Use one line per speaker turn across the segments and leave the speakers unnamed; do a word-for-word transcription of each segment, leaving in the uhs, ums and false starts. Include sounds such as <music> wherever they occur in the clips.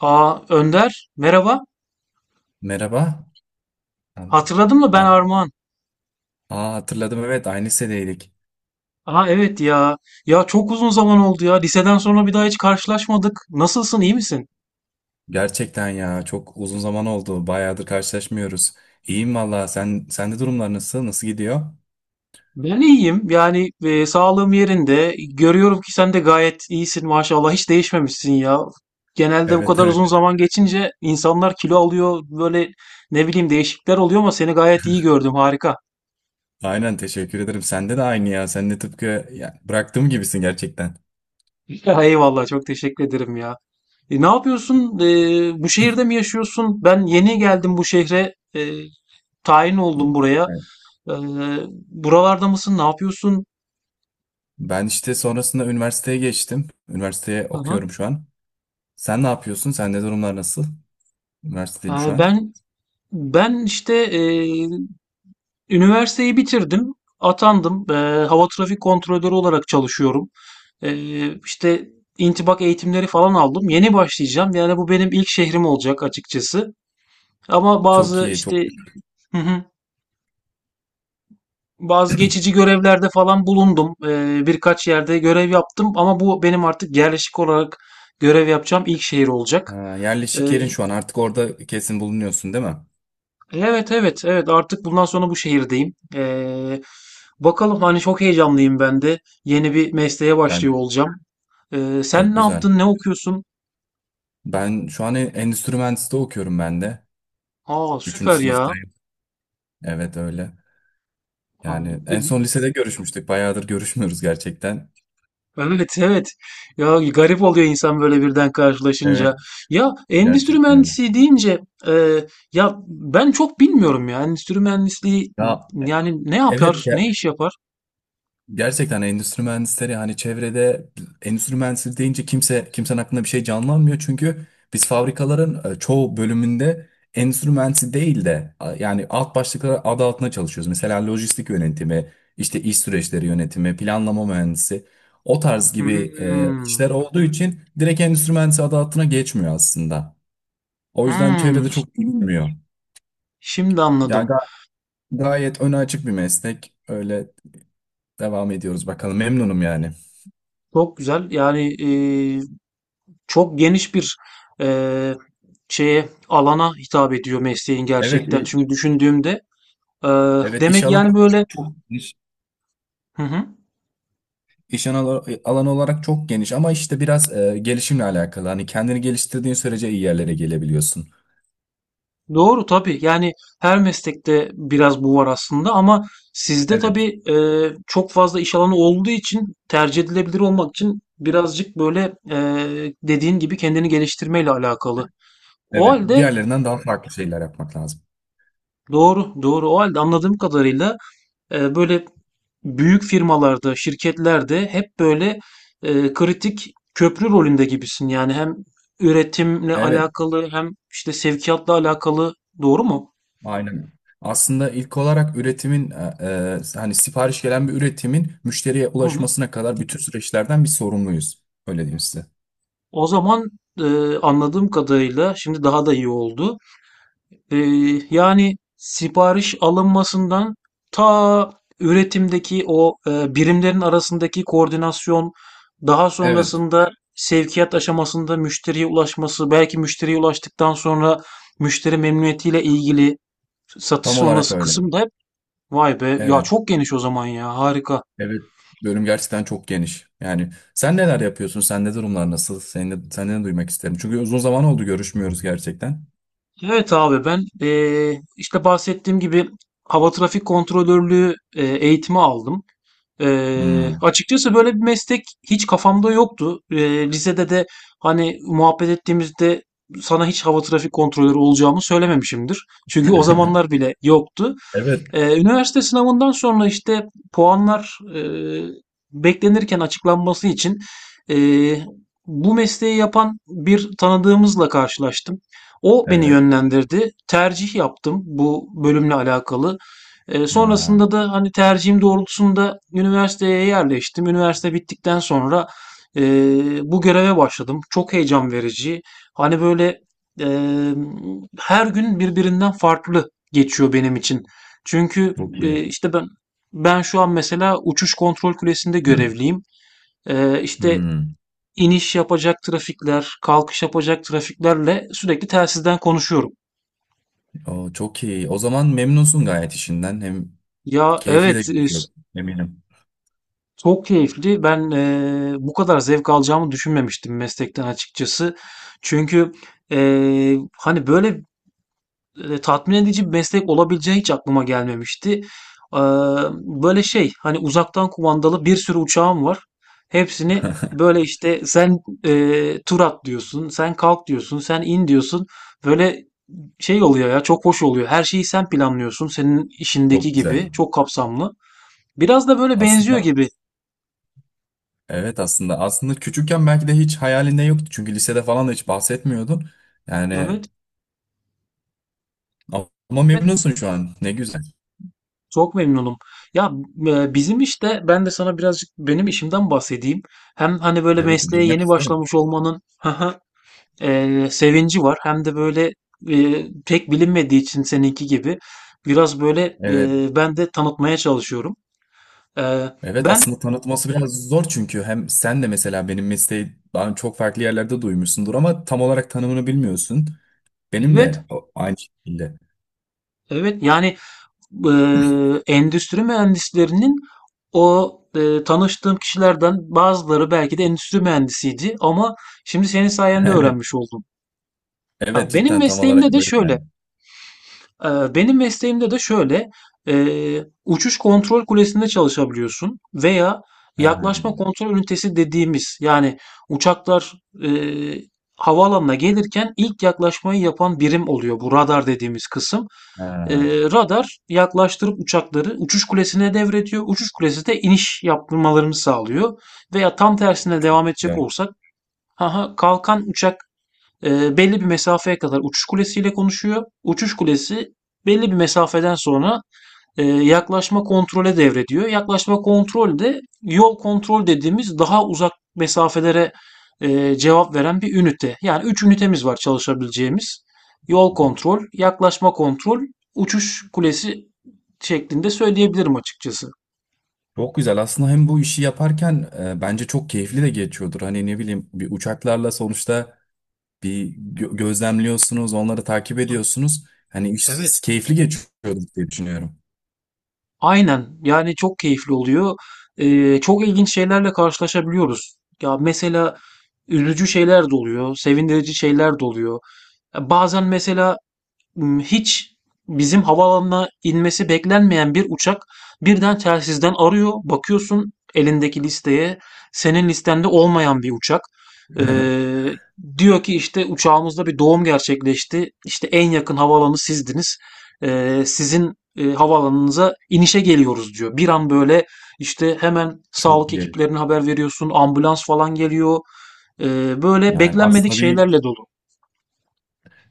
Aa Önder merhaba.
Merhaba. Tamam.
Hatırladın mı ben
Abi-
Armağan?
Aa, hatırladım evet aynı lisedeydik.
Aa evet ya. Ya çok uzun zaman oldu ya. Liseden sonra bir daha hiç karşılaşmadık. Nasılsın iyi misin?
Gerçekten ya çok uzun zaman oldu. Bayağıdır karşılaşmıyoruz. İyiyim valla. Sen sende durumlar nasıl? Nasıl gidiyor?
Ben iyiyim. Yani e, sağlığım yerinde. Görüyorum ki sen de gayet iyisin maşallah. Hiç değişmemişsin ya. Genelde bu
Evet,
kadar uzun
evet.
zaman geçince insanlar kilo alıyor. Böyle ne bileyim değişiklikler oluyor ama seni gayet iyi gördüm. Harika.
Aynen, teşekkür ederim. Sende de aynı ya. Sen de tıpkı ya, bıraktığım gibisin gerçekten.
<laughs> Eyvallah çok teşekkür ederim ya. E, ne yapıyorsun? E, bu şehirde mi yaşıyorsun? Ben yeni geldim bu şehre. E, tayin oldum buraya.
Evet.
Ee, Buralarda mısın? Ne yapıyorsun?
Ben işte sonrasında üniversiteye geçtim. Üniversiteye
Hı hı.
okuyorum şu an. Sen ne yapıyorsun? Sende durumlar nasıl? Üniversitedeyim şu
Ee,
an.
ben ben işte e, üniversiteyi bitirdim. Atandım. Ee, hava trafik kontrolörü olarak çalışıyorum. Ee, işte intibak eğitimleri falan aldım. Yeni başlayacağım. Yani bu benim ilk şehrim olacak açıkçası. Ama
Çok
bazı
iyi, çok.
işte hı hı, bazı geçici görevlerde falan bulundum. Ee, birkaç yerde görev yaptım ama bu benim artık yerleşik olarak görev yapacağım ilk şehir olacak.
Ha,
Ee,
yerleşik yerin şu an artık orada, kesin bulunuyorsun değil mi?
Evet evet evet, artık bundan sonra bu şehirdeyim. Ee, bakalım, hani çok heyecanlıyım ben de. Yeni bir mesleğe başlıyor
Yani
olacağım. Ee, sen
çok
ne
güzel.
yaptın? Ne okuyorsun?
Ben şu an en- endüstri mühendisliği okuyorum ben de.
Aa
Üçüncü
süper ya.
sınıftayım. Evet, öyle.
Aa,
Yani en son lisede görüşmüştük. Bayağıdır görüşmüyoruz gerçekten.
evet evet. Ya garip oluyor insan böyle birden karşılaşınca.
Evet,
Ya endüstri
gerçekten öyle.
mühendisi deyince e, ya ben çok bilmiyorum ya endüstri mühendisliği
Ya
yani ne
evet
yapar? Ne
ya,
iş yapar?
gerçekten endüstri mühendisleri hani çevrede endüstri mühendisleri deyince kimse kimsenin aklında bir şey canlanmıyor. Çünkü biz fabrikaların e, çoğu bölümünde endüstri mühendisi değil de a, yani alt başlıklar adı altında çalışıyoruz. Mesela lojistik yönetimi, işte iş süreçleri yönetimi, planlama mühendisi, o tarz gibi e,
Hmm,
işler olduğu için direkt endüstri mühendisi adı altına geçmiyor aslında. O yüzden
hmm,
çevrede çok bilinmiyor.
şimdi
Yani
anladım.
ga- Gayet öne açık bir meslek. Öyle devam ediyoruz bakalım, memnunum yani.
Çok güzel. Yani e, Çok geniş bir, eee, şeye, alana hitap ediyor mesleğin
Evet.
gerçekten. Çünkü düşündüğümde, eee,
Evet, iş
demek
alanı
yani böyle
olarak çok geniş.
hı hı.
İş alanı alanı olarak çok geniş, ama işte biraz e, gelişimle alakalı. Hani kendini geliştirdiğin sürece iyi yerlere gelebiliyorsun.
Doğru tabii. Yani her meslekte biraz bu var aslında ama sizde
Evet,
tabii, eee, çok fazla iş alanı olduğu için tercih edilebilir olmak için birazcık böyle, eee, dediğin gibi kendini geliştirmeyle alakalı. O
evet.
halde
Diğerlerinden daha farklı şeyler yapmak lazım.
doğru, doğru. O halde anladığım kadarıyla Eee, böyle büyük firmalarda, şirketlerde hep böyle eee, kritik köprü rolünde gibisin. Yani hem üretimle
Evet,
alakalı hem işte sevkiyatla alakalı, doğru mu?
aynen. Aslında ilk olarak üretimin e, e, hani sipariş gelen bir üretimin müşteriye
Hı hı.
ulaşmasına kadar bütün süreçlerden bir sorumluyuz. Öyle diyeyim size.
O zaman eee, anladığım kadarıyla şimdi daha da iyi oldu. Ee, Yani sipariş alınmasından ta üretimdeki o e, birimlerin arasındaki koordinasyon, daha
Evet,
sonrasında sevkiyat aşamasında müşteriye ulaşması, belki müşteriye ulaştıktan sonra müşteri memnuniyetiyle ilgili satış
tam olarak
sonrası
öyle.
kısım da hep, vay be ya
Evet.
çok geniş o zaman ya, harika.
Evet, bölüm gerçekten çok geniş. Yani sen neler yapıyorsun? Sende durumlar nasıl? Seni, de, senden de duymak isterim. Çünkü uzun zaman oldu, görüşmüyoruz gerçekten.
Evet abi ben e, işte bahsettiğim gibi hava trafik kontrolörlüğü e, eğitimi aldım. Eee,
Hmm.
açıkçası böyle bir meslek hiç kafamda yoktu. Eee, lisede de hani muhabbet ettiğimizde sana hiç hava trafik kontrolörü olacağımı söylememişimdir. Çünkü o zamanlar
<laughs>
bile yoktu.
Evet.
Ee, üniversite sınavından sonra işte puanlar e, beklenirken açıklanması için e, bu mesleği yapan bir tanıdığımızla karşılaştım. O beni
Evet.
yönlendirdi. Tercih yaptım bu bölümle alakalı. E,
Ha,
sonrasında da hani tercihim doğrultusunda üniversiteye yerleştim. Üniversite bittikten sonra e, bu göreve başladım. Çok heyecan verici. Hani böyle e, her gün birbirinden farklı geçiyor benim için. Çünkü,
çok
eee,
iyi.
işte, ben ben şu an mesela uçuş kontrol kulesinde
<clears throat>
görevliyim. Eee, işte,
Hmm.
iniş yapacak trafikler, kalkış yapacak trafiklerle sürekli telsizden konuşuyorum.
O, çok iyi. O zaman memnunsun gayet işinden. Hem
Ya,
keyifli de
evet, eee,
geçiyor.
s
Eminim.
çok keyifli. Ben, eee, bu kadar zevk alacağımı düşünmemiştim meslekten açıkçası. Çünkü, eee, hani, böyle e, tatmin edici bir meslek olabileceği hiç aklıma gelmemişti. Eee, Böyle şey, hani uzaktan kumandalı bir sürü uçağım var. Hepsini böyle işte, sen eee tur at diyorsun, sen kalk diyorsun, sen in diyorsun. Böyle şey oluyor ya, çok hoş oluyor. Her şeyi sen planlıyorsun, senin işindeki
Çok güzel.
gibi çok kapsamlı. Biraz da böyle benziyor
Aslında
gibi.
evet, aslında aslında küçükken belki de hiç hayalinde yoktu. Çünkü lisede falan da hiç bahsetmiyordun. Yani
Evet,
ama
evet
memnunsun şu an. Ne güzel.
çok memnunum. Ya e, Bizim işte, ben de sana birazcık benim işimden bahsedeyim. Hem hani böyle
Evet,
mesleğe
duymak
yeni
isterim.
başlamış olmanın <laughs> e, sevinci var. Hem de böyle e, pek bilinmediği için seninki gibi biraz böyle
Evet.
e, ben de tanıtmaya çalışıyorum. E,
Evet,
ben
aslında tanıtması biraz zor, çünkü hem sen de mesela benim mesleği daha çok farklı yerlerde duymuşsundur ama tam olarak tanımını bilmiyorsun. Benim
evet
de o- aynı şekilde.
evet, yani e, endüstri mühendislerinin o e, tanıştığım kişilerden bazıları belki de endüstri mühendisiydi ama şimdi senin
<laughs>
sayende
Evet.
öğrenmiş oldum.
Evet,
Ya benim
cidden tam
mesleğimde
olarak
de
öyle
şöyle.
yani.
Ee, Benim mesleğimde de şöyle, eee, uçuş kontrol kulesinde çalışabiliyorsun veya
Ha,
yaklaşma kontrol ünitesi dediğimiz yani uçaklar eee, havaalanına gelirken ilk yaklaşmayı yapan birim oluyor bu radar dediğimiz kısım. Eee,
ha,
radar yaklaştırıp uçakları uçuş kulesine devrediyor. Uçuş kulesi de iniş yaptırmalarını sağlıyor. Veya tam tersine devam edecek
güzel.
olsak, haha, kalkan uçak e, belli bir mesafeye kadar uçuş kulesiyle konuşuyor. Uçuş kulesi belli bir mesafeden sonra e, yaklaşma kontrole devrediyor. Yaklaşma kontrol de yol kontrol dediğimiz daha uzak mesafelere e, cevap veren bir ünite. Yani üç ünitemiz var çalışabileceğimiz. Yol kontrol, yaklaşma kontrol, uçuş kulesi şeklinde söyleyebilirim açıkçası.
Çok güzel. Aslında hem bu işi yaparken e, bence çok keyifli de geçiyordur. Hani ne bileyim, bir uçaklarla sonuçta bir gö- gözlemliyorsunuz, onları takip ediyorsunuz. Hani
Evet,
iş keyifli geçiyordur diye düşünüyorum.
aynen. Yani çok keyifli oluyor. Ee, çok ilginç şeylerle karşılaşabiliyoruz. Ya mesela üzücü şeyler de oluyor, sevindirici şeyler de oluyor. Ya bazen mesela Hmm, hiç bizim havaalanına inmesi beklenmeyen bir uçak birden telsizden arıyor. Bakıyorsun elindeki listeye, senin listende olmayan bir uçak.
<laughs>
Ee, Diyor ki işte, uçağımızda bir doğum gerçekleşti. İşte en yakın havaalanı sizdiniz. Ee, sizin e, havaalanınıza inişe geliyoruz diyor. Bir an böyle işte hemen
Çok
sağlık
iyi.
ekiplerine haber veriyorsun. Ambulans falan geliyor. Ee, böyle
Yani
beklenmedik
aslında bir,
şeylerle dolu.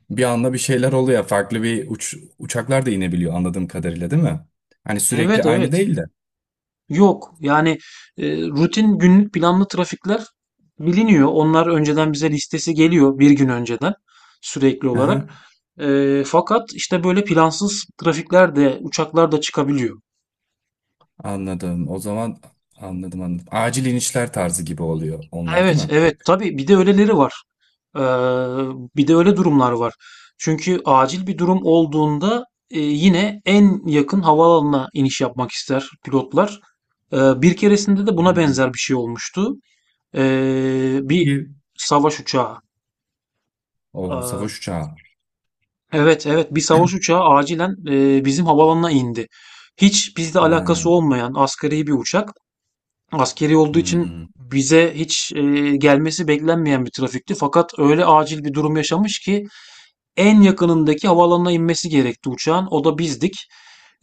bir anda bir şeyler oluyor. Farklı bir uç, uçaklar da inebiliyor anladığım kadarıyla, değil mi? Hani sürekli
Evet
aynı
evet.
değil de.
Yok. Yani e, rutin günlük planlı trafikler biliniyor. Onlar önceden bize listesi geliyor, bir gün önceden sürekli
Aha,
olarak. E, fakat işte böyle plansız trafikler de uçaklar da çıkabiliyor.
anladım. O zaman anladım anladım. Acil inişler tarzı gibi oluyor onlar, değil
Evet,
mi?
evet. Tabii bir de öyleleri var. Ee, Bir de öyle durumlar var. Çünkü acil bir durum olduğunda e, yine en yakın havaalanına iniş yapmak ister pilotlar. Ee, bir keresinde de buna
Hmm.
benzer bir şey olmuştu. Ee, bir
Peki,
savaş uçağı.
o
Aa,
savaş uçağı.
evet evet, bir savaş uçağı acilen e, bizim havalanına indi. Hiç bizle alakası
Ha,
olmayan askeri bir uçak. Askeri olduğu için
hmm,
bize hiç e, gelmesi beklenmeyen bir trafikti. Fakat öyle acil bir durum yaşamış ki en yakınındaki havalanına inmesi gerekti uçağın. O da bizdik.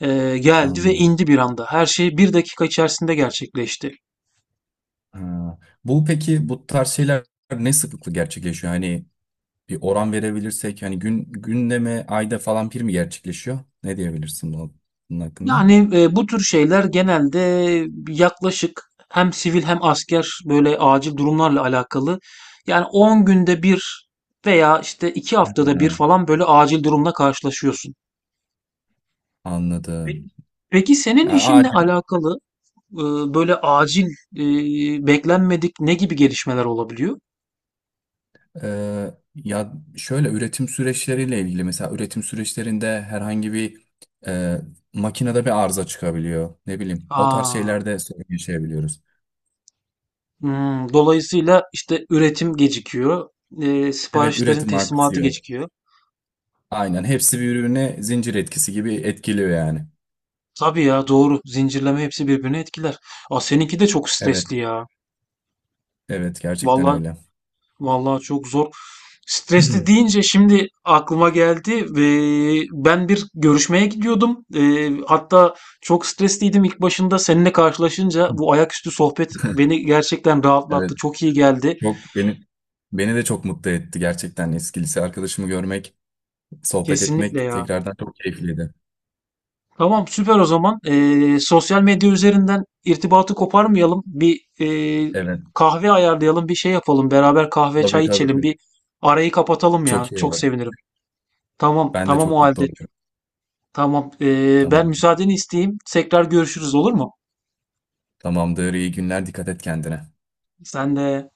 Ee, geldi ve
anladım.
indi bir anda. Her şey bir dakika içerisinde gerçekleşti.
Ha. Bu, peki bu tarz şeyler ne sıklıkla gerçekleşiyor? Hani bir oran verebilirsek, hani gün günde mi, ayda falan bir mi gerçekleşiyor? Ne diyebilirsin bunun bunun hakkında?
Yani e, bu tür şeyler genelde yaklaşık hem sivil hem asker böyle acil durumlarla alakalı. Yani on günde bir veya işte iki haftada bir
Ha,
falan böyle acil durumla karşılaşıyorsun. Peki,
anladım.
peki senin
Yani
işinle alakalı e, böyle acil e, beklenmedik ne gibi gelişmeler olabiliyor?
Ee, ya şöyle, üretim süreçleriyle ilgili, mesela üretim süreçlerinde herhangi bir e, makinede bir arıza çıkabiliyor. Ne bileyim, o tarz
Aa,
şeylerde sorun yaşayabiliyoruz.
hmm, dolayısıyla işte üretim gecikiyor, e,
Evet,
siparişlerin
üretim
teslimatı
aksıyor.
gecikiyor.
Aynen, hepsi birbirine zincir etkisi gibi etkiliyor yani.
Tabii ya doğru. Zincirleme hepsi birbirini etkiler. Aa, seninki de çok
Evet.
stresli ya.
Evet, gerçekten
Vallahi,
öyle.
vallahi çok zor. Stresli
<clears throat>
deyince şimdi aklıma geldi ve ben bir görüşmeye gidiyordum. Ee, hatta çok stresliydim, ilk başında seninle karşılaşınca bu ayaküstü sohbet beni gerçekten rahatlattı.
Evet,
Çok iyi geldi.
çok beni, beni de çok mutlu etti gerçekten, eski lise arkadaşımı görmek, sohbet
Kesinlikle
etmek
ya.
tekrardan çok keyifliydi.
Tamam süper o zaman. Ee, sosyal medya üzerinden irtibatı koparmayalım. Bir e,
Evet.
kahve ayarlayalım, bir şey yapalım. Beraber kahve
Tabii,
çay
tabii,
içelim,
tabii.
bir arayı kapatalım ya.
Çok iyi
Çok
olur.
sevinirim. Tamam,
Ben de
tamam o
çok mutlu
halde.
olurum.
Tamam. Ee, ben
Tamam.
müsaadeni isteyeyim. Tekrar görüşürüz olur mu?
Tamamdır, iyi günler, dikkat et kendine.
Sen de.